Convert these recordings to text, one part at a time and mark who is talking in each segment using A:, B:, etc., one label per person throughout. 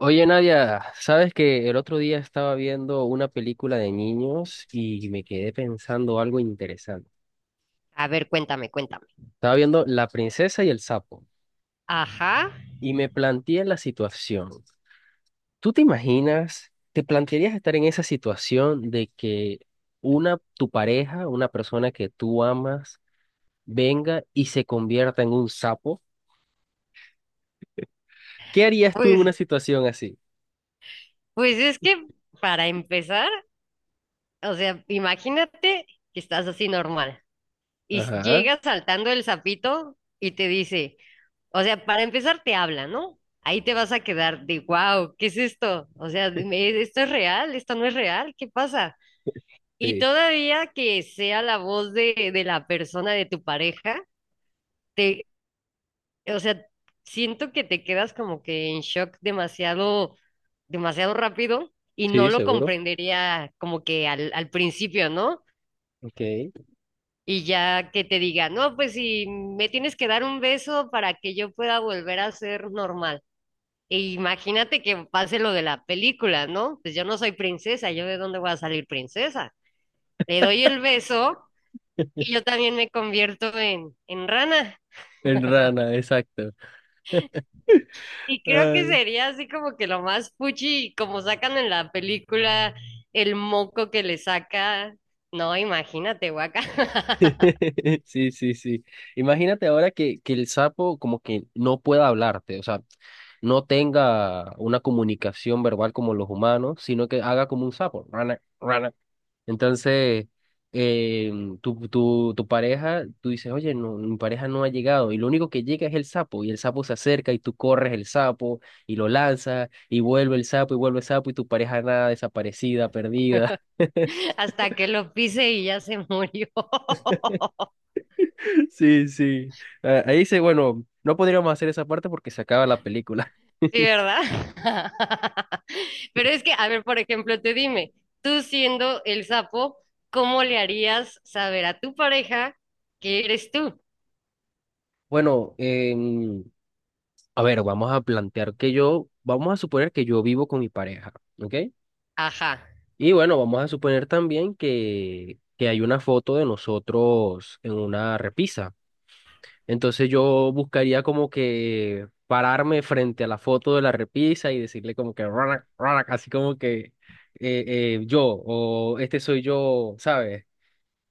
A: Oye, Nadia, sabes que el otro día estaba viendo una película de niños y me quedé pensando algo interesante.
B: A ver, cuéntame, cuéntame.
A: Estaba viendo La princesa y el sapo
B: Ajá.
A: y me planteé la situación. ¿Tú te imaginas, te plantearías estar en esa situación de que una, tu pareja, una persona que tú amas, venga y se convierta en un sapo? ¿Qué harías tú en una
B: Pues,
A: situación así?
B: pues es que para empezar, o sea, imagínate que estás así normal y
A: Ajá,
B: llega saltando el sapito y te dice, o sea, para empezar te habla, ¿no? Ahí te vas a quedar de, wow, ¿qué es esto? O sea, dime, ¿esto es real? ¿Esto no es real? ¿Qué pasa? Y
A: sí,
B: todavía que sea la voz de la persona de tu pareja, te, o sea, siento que te quedas como que en shock demasiado, demasiado rápido y no
A: sí,
B: lo
A: seguro.
B: comprendería como que al principio, ¿no?
A: Ok.
B: Y ya que te diga, no, pues si me tienes que dar un beso para que yo pueda volver a ser normal. E imagínate que pase lo de la película, ¿no? Pues yo no soy princesa, ¿yo de dónde voy a salir princesa? Le doy el beso y yo también me convierto en rana.
A: En rana, exacto.
B: Y creo que sería así como que lo más fuchi, como sacan en la película el moco que le saca. No, imagínate, guaca.
A: Sí, sí, sí. Imagínate ahora que el sapo como que no pueda hablarte, o sea, no tenga una comunicación verbal como los humanos, sino que haga como un sapo. Rana, rana. Entonces, eh, tu pareja, tú dices, oye, no, mi pareja no ha llegado, y lo único que llega es el sapo, y el sapo se acerca y tú corres el sapo y lo lanzas, y vuelve el sapo y vuelve el sapo, y tu pareja nada, desaparecida, perdida.
B: Hasta que lo pise y ya se murió.
A: Sí, sí. Ah, ahí dice, bueno, no podríamos hacer esa parte porque se acaba la película.
B: Sí, ¿verdad? Pero es que, a ver, por ejemplo, te dime, tú siendo el sapo, ¿cómo le harías saber a tu pareja que eres tú?
A: Bueno, a ver, vamos a plantear que yo, vamos a suponer que yo vivo con mi pareja, ¿ok?
B: Ajá,
A: Y bueno, vamos a suponer también que hay una foto de nosotros en una repisa. Entonces yo buscaría como que pararme frente a la foto de la repisa y decirle como que, "Ronak, ronak", así como que eh, yo o este soy yo, ¿sabes?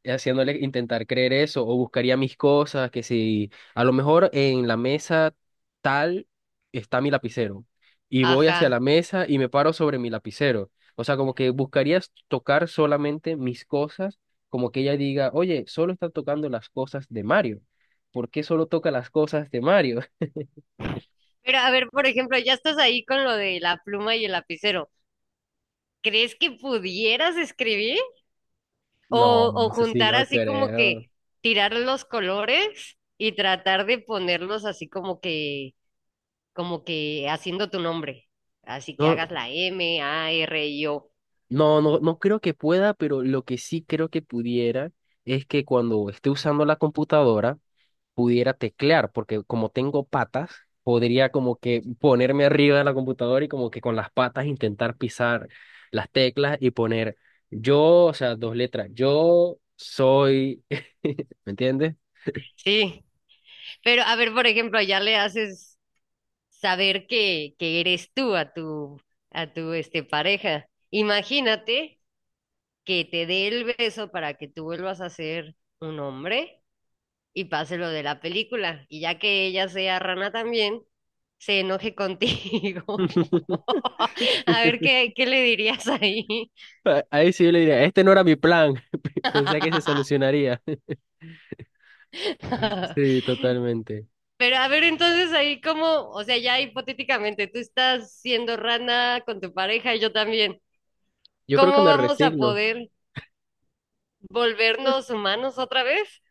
A: Haciéndole intentar creer eso o buscaría mis cosas, que si a lo mejor en la mesa tal está mi lapicero y voy hacia
B: ajá.
A: la mesa y me paro sobre mi lapicero. O sea, como que buscarías tocar solamente mis cosas, como que ella diga, oye, solo está tocando las cosas de Mario. ¿Por qué solo toca las cosas de Mario?
B: Pero a ver, por ejemplo, ya estás ahí con lo de la pluma y el lapicero. ¿Crees que pudieras escribir?
A: No,
B: O
A: eso sí,
B: juntar
A: no
B: así como que
A: creo.
B: tirar los colores y tratar de ponerlos así como que haciendo tu nombre. Así que
A: No,
B: hagas la MARIO.
A: no, no, no creo que pueda, pero lo que sí creo que pudiera es que cuando esté usando la computadora, pudiera teclear, porque como tengo patas, podría como que ponerme arriba de la computadora y como que con las patas intentar pisar las teclas y poner yo, o sea, dos letras, yo soy, ¿me entiendes?
B: Sí. Pero a ver, por ejemplo, ya le haces saber que eres tú a tu este, pareja. Imagínate que te dé el beso para que tú vuelvas a ser un hombre y pase lo de la película. Y ya que ella sea rana también, se enoje contigo. A ver qué, qué le dirías ahí.
A: Ah, ahí sí yo le diría, este no era mi plan, pensé que se solucionaría. Sí, totalmente.
B: Pero a ver, entonces ahí como, o sea, ya hipotéticamente, tú estás siendo rana con tu pareja y yo también.
A: Yo creo que
B: ¿Cómo
A: me
B: vamos a
A: resigno.
B: poder volvernos humanos otra vez?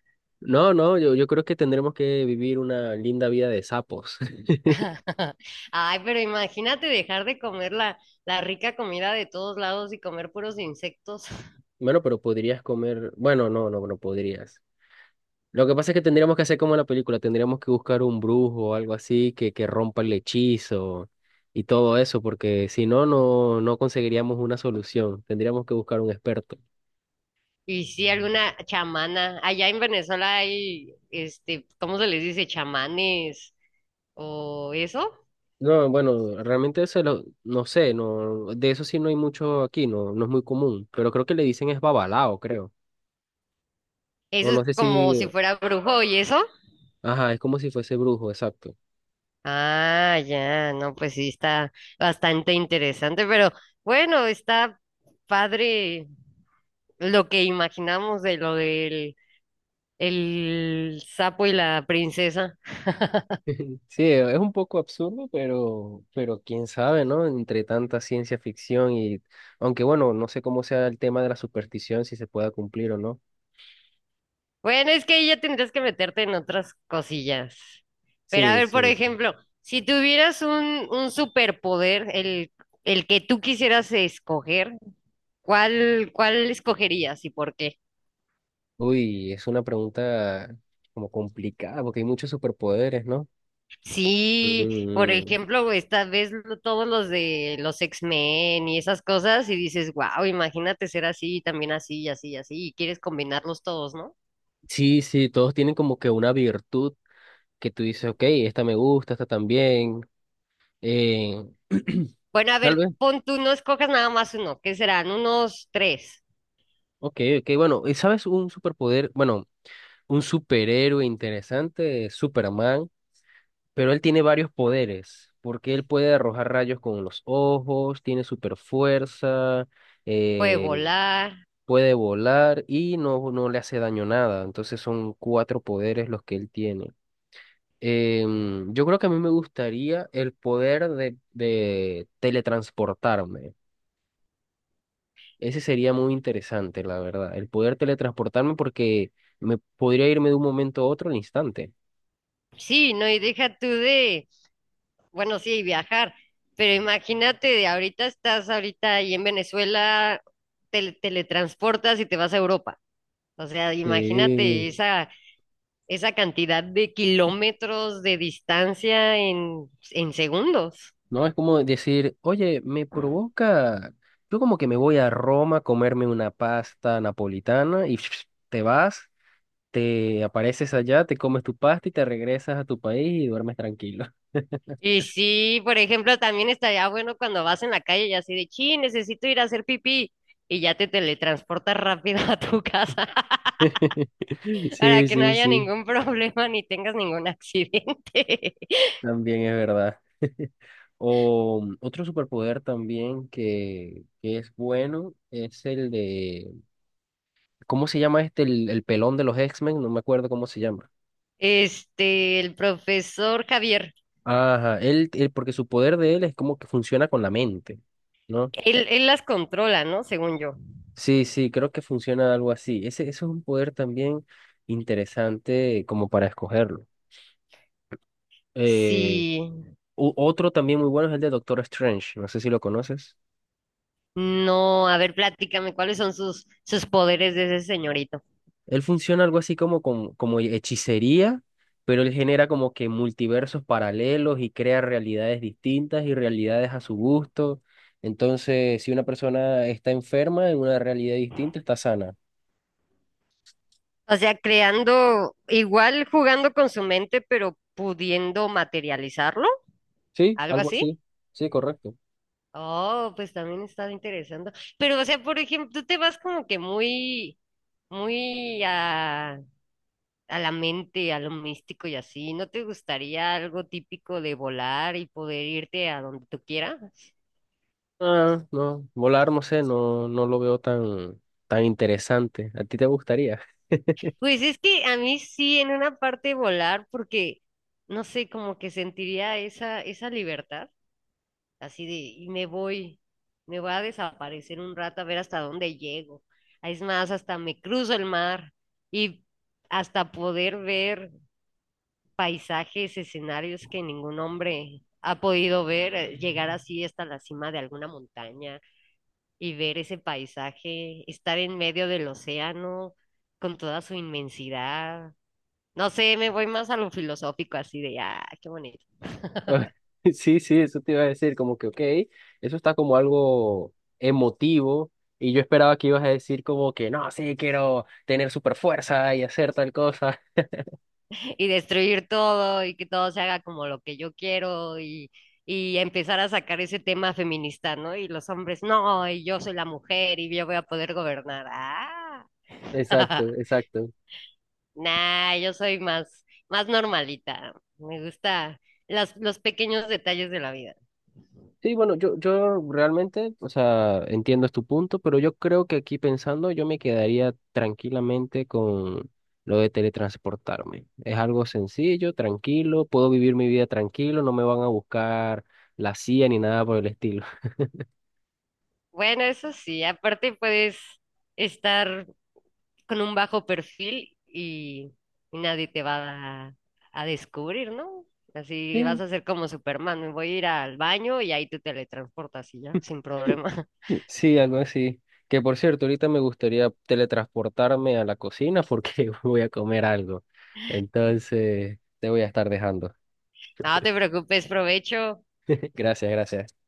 A: No, no, yo creo que tendremos que vivir una linda vida de sapos.
B: Ay, pero imagínate dejar de comer la, la rica comida de todos lados y comer puros insectos.
A: Bueno, pero podrías comer, bueno, no, no, no podrías. Lo que pasa es que tendríamos que hacer como en la película, tendríamos que buscar un brujo o algo así que rompa el hechizo y todo eso, porque si no, no, no conseguiríamos una solución, tendríamos que buscar un experto.
B: Y sí, alguna chamana. Allá en Venezuela hay, este, ¿cómo se les dice? Chamanes o eso.
A: No, bueno, realmente eso lo, no sé, no, de eso sí no hay mucho aquí, no, no es muy común, pero creo que le dicen es babalao, creo. O
B: Eso es
A: no sé
B: como
A: si,
B: si fuera brujo y eso.
A: ajá, es como si fuese brujo, exacto.
B: Ah, ya, no, pues sí, está bastante interesante, pero bueno, está padre lo que imaginamos de lo del el sapo y la princesa.
A: Sí, es un poco absurdo, pero quién sabe, ¿no? Entre tanta ciencia ficción y, aunque bueno, no sé cómo sea el tema de la superstición, si se pueda cumplir o no.
B: Bueno, es que ahí ya tendrías que meterte en otras cosillas. Pero a
A: Sí,
B: ver, por
A: sí, sí.
B: ejemplo, si tuvieras un superpoder, el que tú quisieras escoger, ¿cuál, cuál escogerías y por qué?
A: Uy, es una pregunta como complicada, porque hay muchos superpoderes, ¿no?
B: Sí, por
A: Mm,
B: ejemplo, esta vez todos los de los X-Men y esas cosas, y dices, wow, imagínate ser así, también así, y así, y así, y quieres combinarlos todos, ¿no?
A: sí, sí, todos tienen como que una virtud que tú dices, ok, esta me gusta, esta también. Eh,
B: Bueno, a
A: tal
B: ver,
A: vez,
B: pon tú, no escojas nada más uno, ¿qué serán? Unos tres.
A: ok, ok, bueno, ¿y sabes un superpoder? Bueno, un superhéroe interesante, Superman, pero él tiene varios poderes, porque él puede arrojar rayos con los ojos, tiene super fuerza,
B: Puede volar.
A: puede volar y no, no le hace daño nada. Entonces son cuatro poderes los que él tiene. Yo creo que a mí me gustaría el poder de teletransportarme. Ese sería muy interesante, la verdad. El poder teletransportarme porque me podría irme de un momento a otro al instante.
B: Sí, no, y deja tú de, bueno, sí, viajar, pero imagínate de ahorita estás ahorita ahí en Venezuela, te teletransportas y te vas a Europa. O sea, imagínate
A: Sí.
B: esa, esa cantidad de kilómetros de distancia en segundos.
A: No es como decir, oye, me provoca. Yo como que me voy a Roma a comerme una pasta napolitana y te vas, te apareces allá, te comes tu pasta y te regresas a tu país y duermes tranquilo.
B: Y sí, por ejemplo, también estaría bueno cuando vas en la calle y así de, sí, necesito ir a hacer pipí. Y ya te teletransportas rápido a tu casa para
A: Sí,
B: que no
A: sí,
B: haya
A: sí,
B: ningún problema ni tengas ningún accidente.
A: también es verdad. O mm, otro superpoder también que es bueno es el de, ¿cómo se llama este? El pelón de los X-Men, no me acuerdo cómo se llama.
B: Este, el profesor Javier,
A: Ajá, él- porque su poder de él es como que funciona con la mente, ¿no?
B: él las controla, ¿no? Según yo.
A: Sí, sí, creo que funciona algo así. Ese es un poder también interesante como para escogerlo. Eh,
B: Sí,
A: u- otro también muy bueno es el de Doctor Strange, no sé si lo conoces.
B: no, a ver, platícame, ¿cuáles son sus, sus poderes de ese señorito?
A: Él funciona algo así como, con- como hechicería, pero él genera como que multiversos paralelos y crea realidades distintas y realidades a su gusto. Entonces, si una persona está enferma en una realidad distinta, está sana.
B: O sea, creando, igual jugando con su mente, pero pudiendo materializarlo,
A: Sí,
B: algo
A: algo
B: así.
A: así. Sí, correcto.
B: Oh, pues también está interesante. Pero, o sea, por ejemplo, tú te vas como que muy, muy, a la mente, a lo místico y así. ¿No te gustaría algo típico de volar y poder irte a donde tú quieras?
A: Ah, no, volar, no sé, no, no lo veo tan, tan interesante. ¿A ti te gustaría?
B: Pues es que a mí sí, en una parte volar, porque no sé, como que sentiría esa, esa libertad, así de, y me voy a desaparecer un rato a ver hasta dónde llego. Es más, hasta me cruzo el mar y hasta poder ver paisajes, escenarios que ningún hombre ha podido ver, llegar así hasta la cima de alguna montaña y ver ese paisaje, estar en medio del océano con toda su inmensidad. No sé, me voy más a lo filosófico, así de, ah, qué bonito.
A: Ah, sí, sí, eso te iba a decir, como que, ok, eso está como algo emotivo y yo esperaba que ibas a decir como que, no, sí, quiero tener super fuerza y hacer tal cosa.
B: Y destruir todo y que todo se haga como lo que yo quiero y empezar a sacar ese tema feminista, ¿no? Y los hombres, no, y yo soy la mujer y yo voy a poder gobernar. Ah.
A: Exacto, exacto.
B: Nah, yo soy más, más normalita. Me gusta las, los pequeños detalles de la vida.
A: Sí, bueno, yo realmente, o sea, entiendo tu punto, pero yo creo que aquí pensando, yo me quedaría tranquilamente con lo de teletransportarme. Es algo sencillo, tranquilo, puedo vivir mi vida tranquilo, no me van a buscar la CIA ni nada por el estilo.
B: Bueno, eso sí, aparte puedes estar con un bajo perfil y nadie te va a descubrir, ¿no? Así vas
A: Sí,
B: a ser como Superman, me voy a ir al baño y ahí te teletransportas y ya, sin problema.
A: sí, algo así. Que por cierto, ahorita me gustaría teletransportarme a la cocina porque voy a comer algo. Entonces, te voy a estar dejando.
B: No te preocupes, provecho.
A: Gracias, gracias.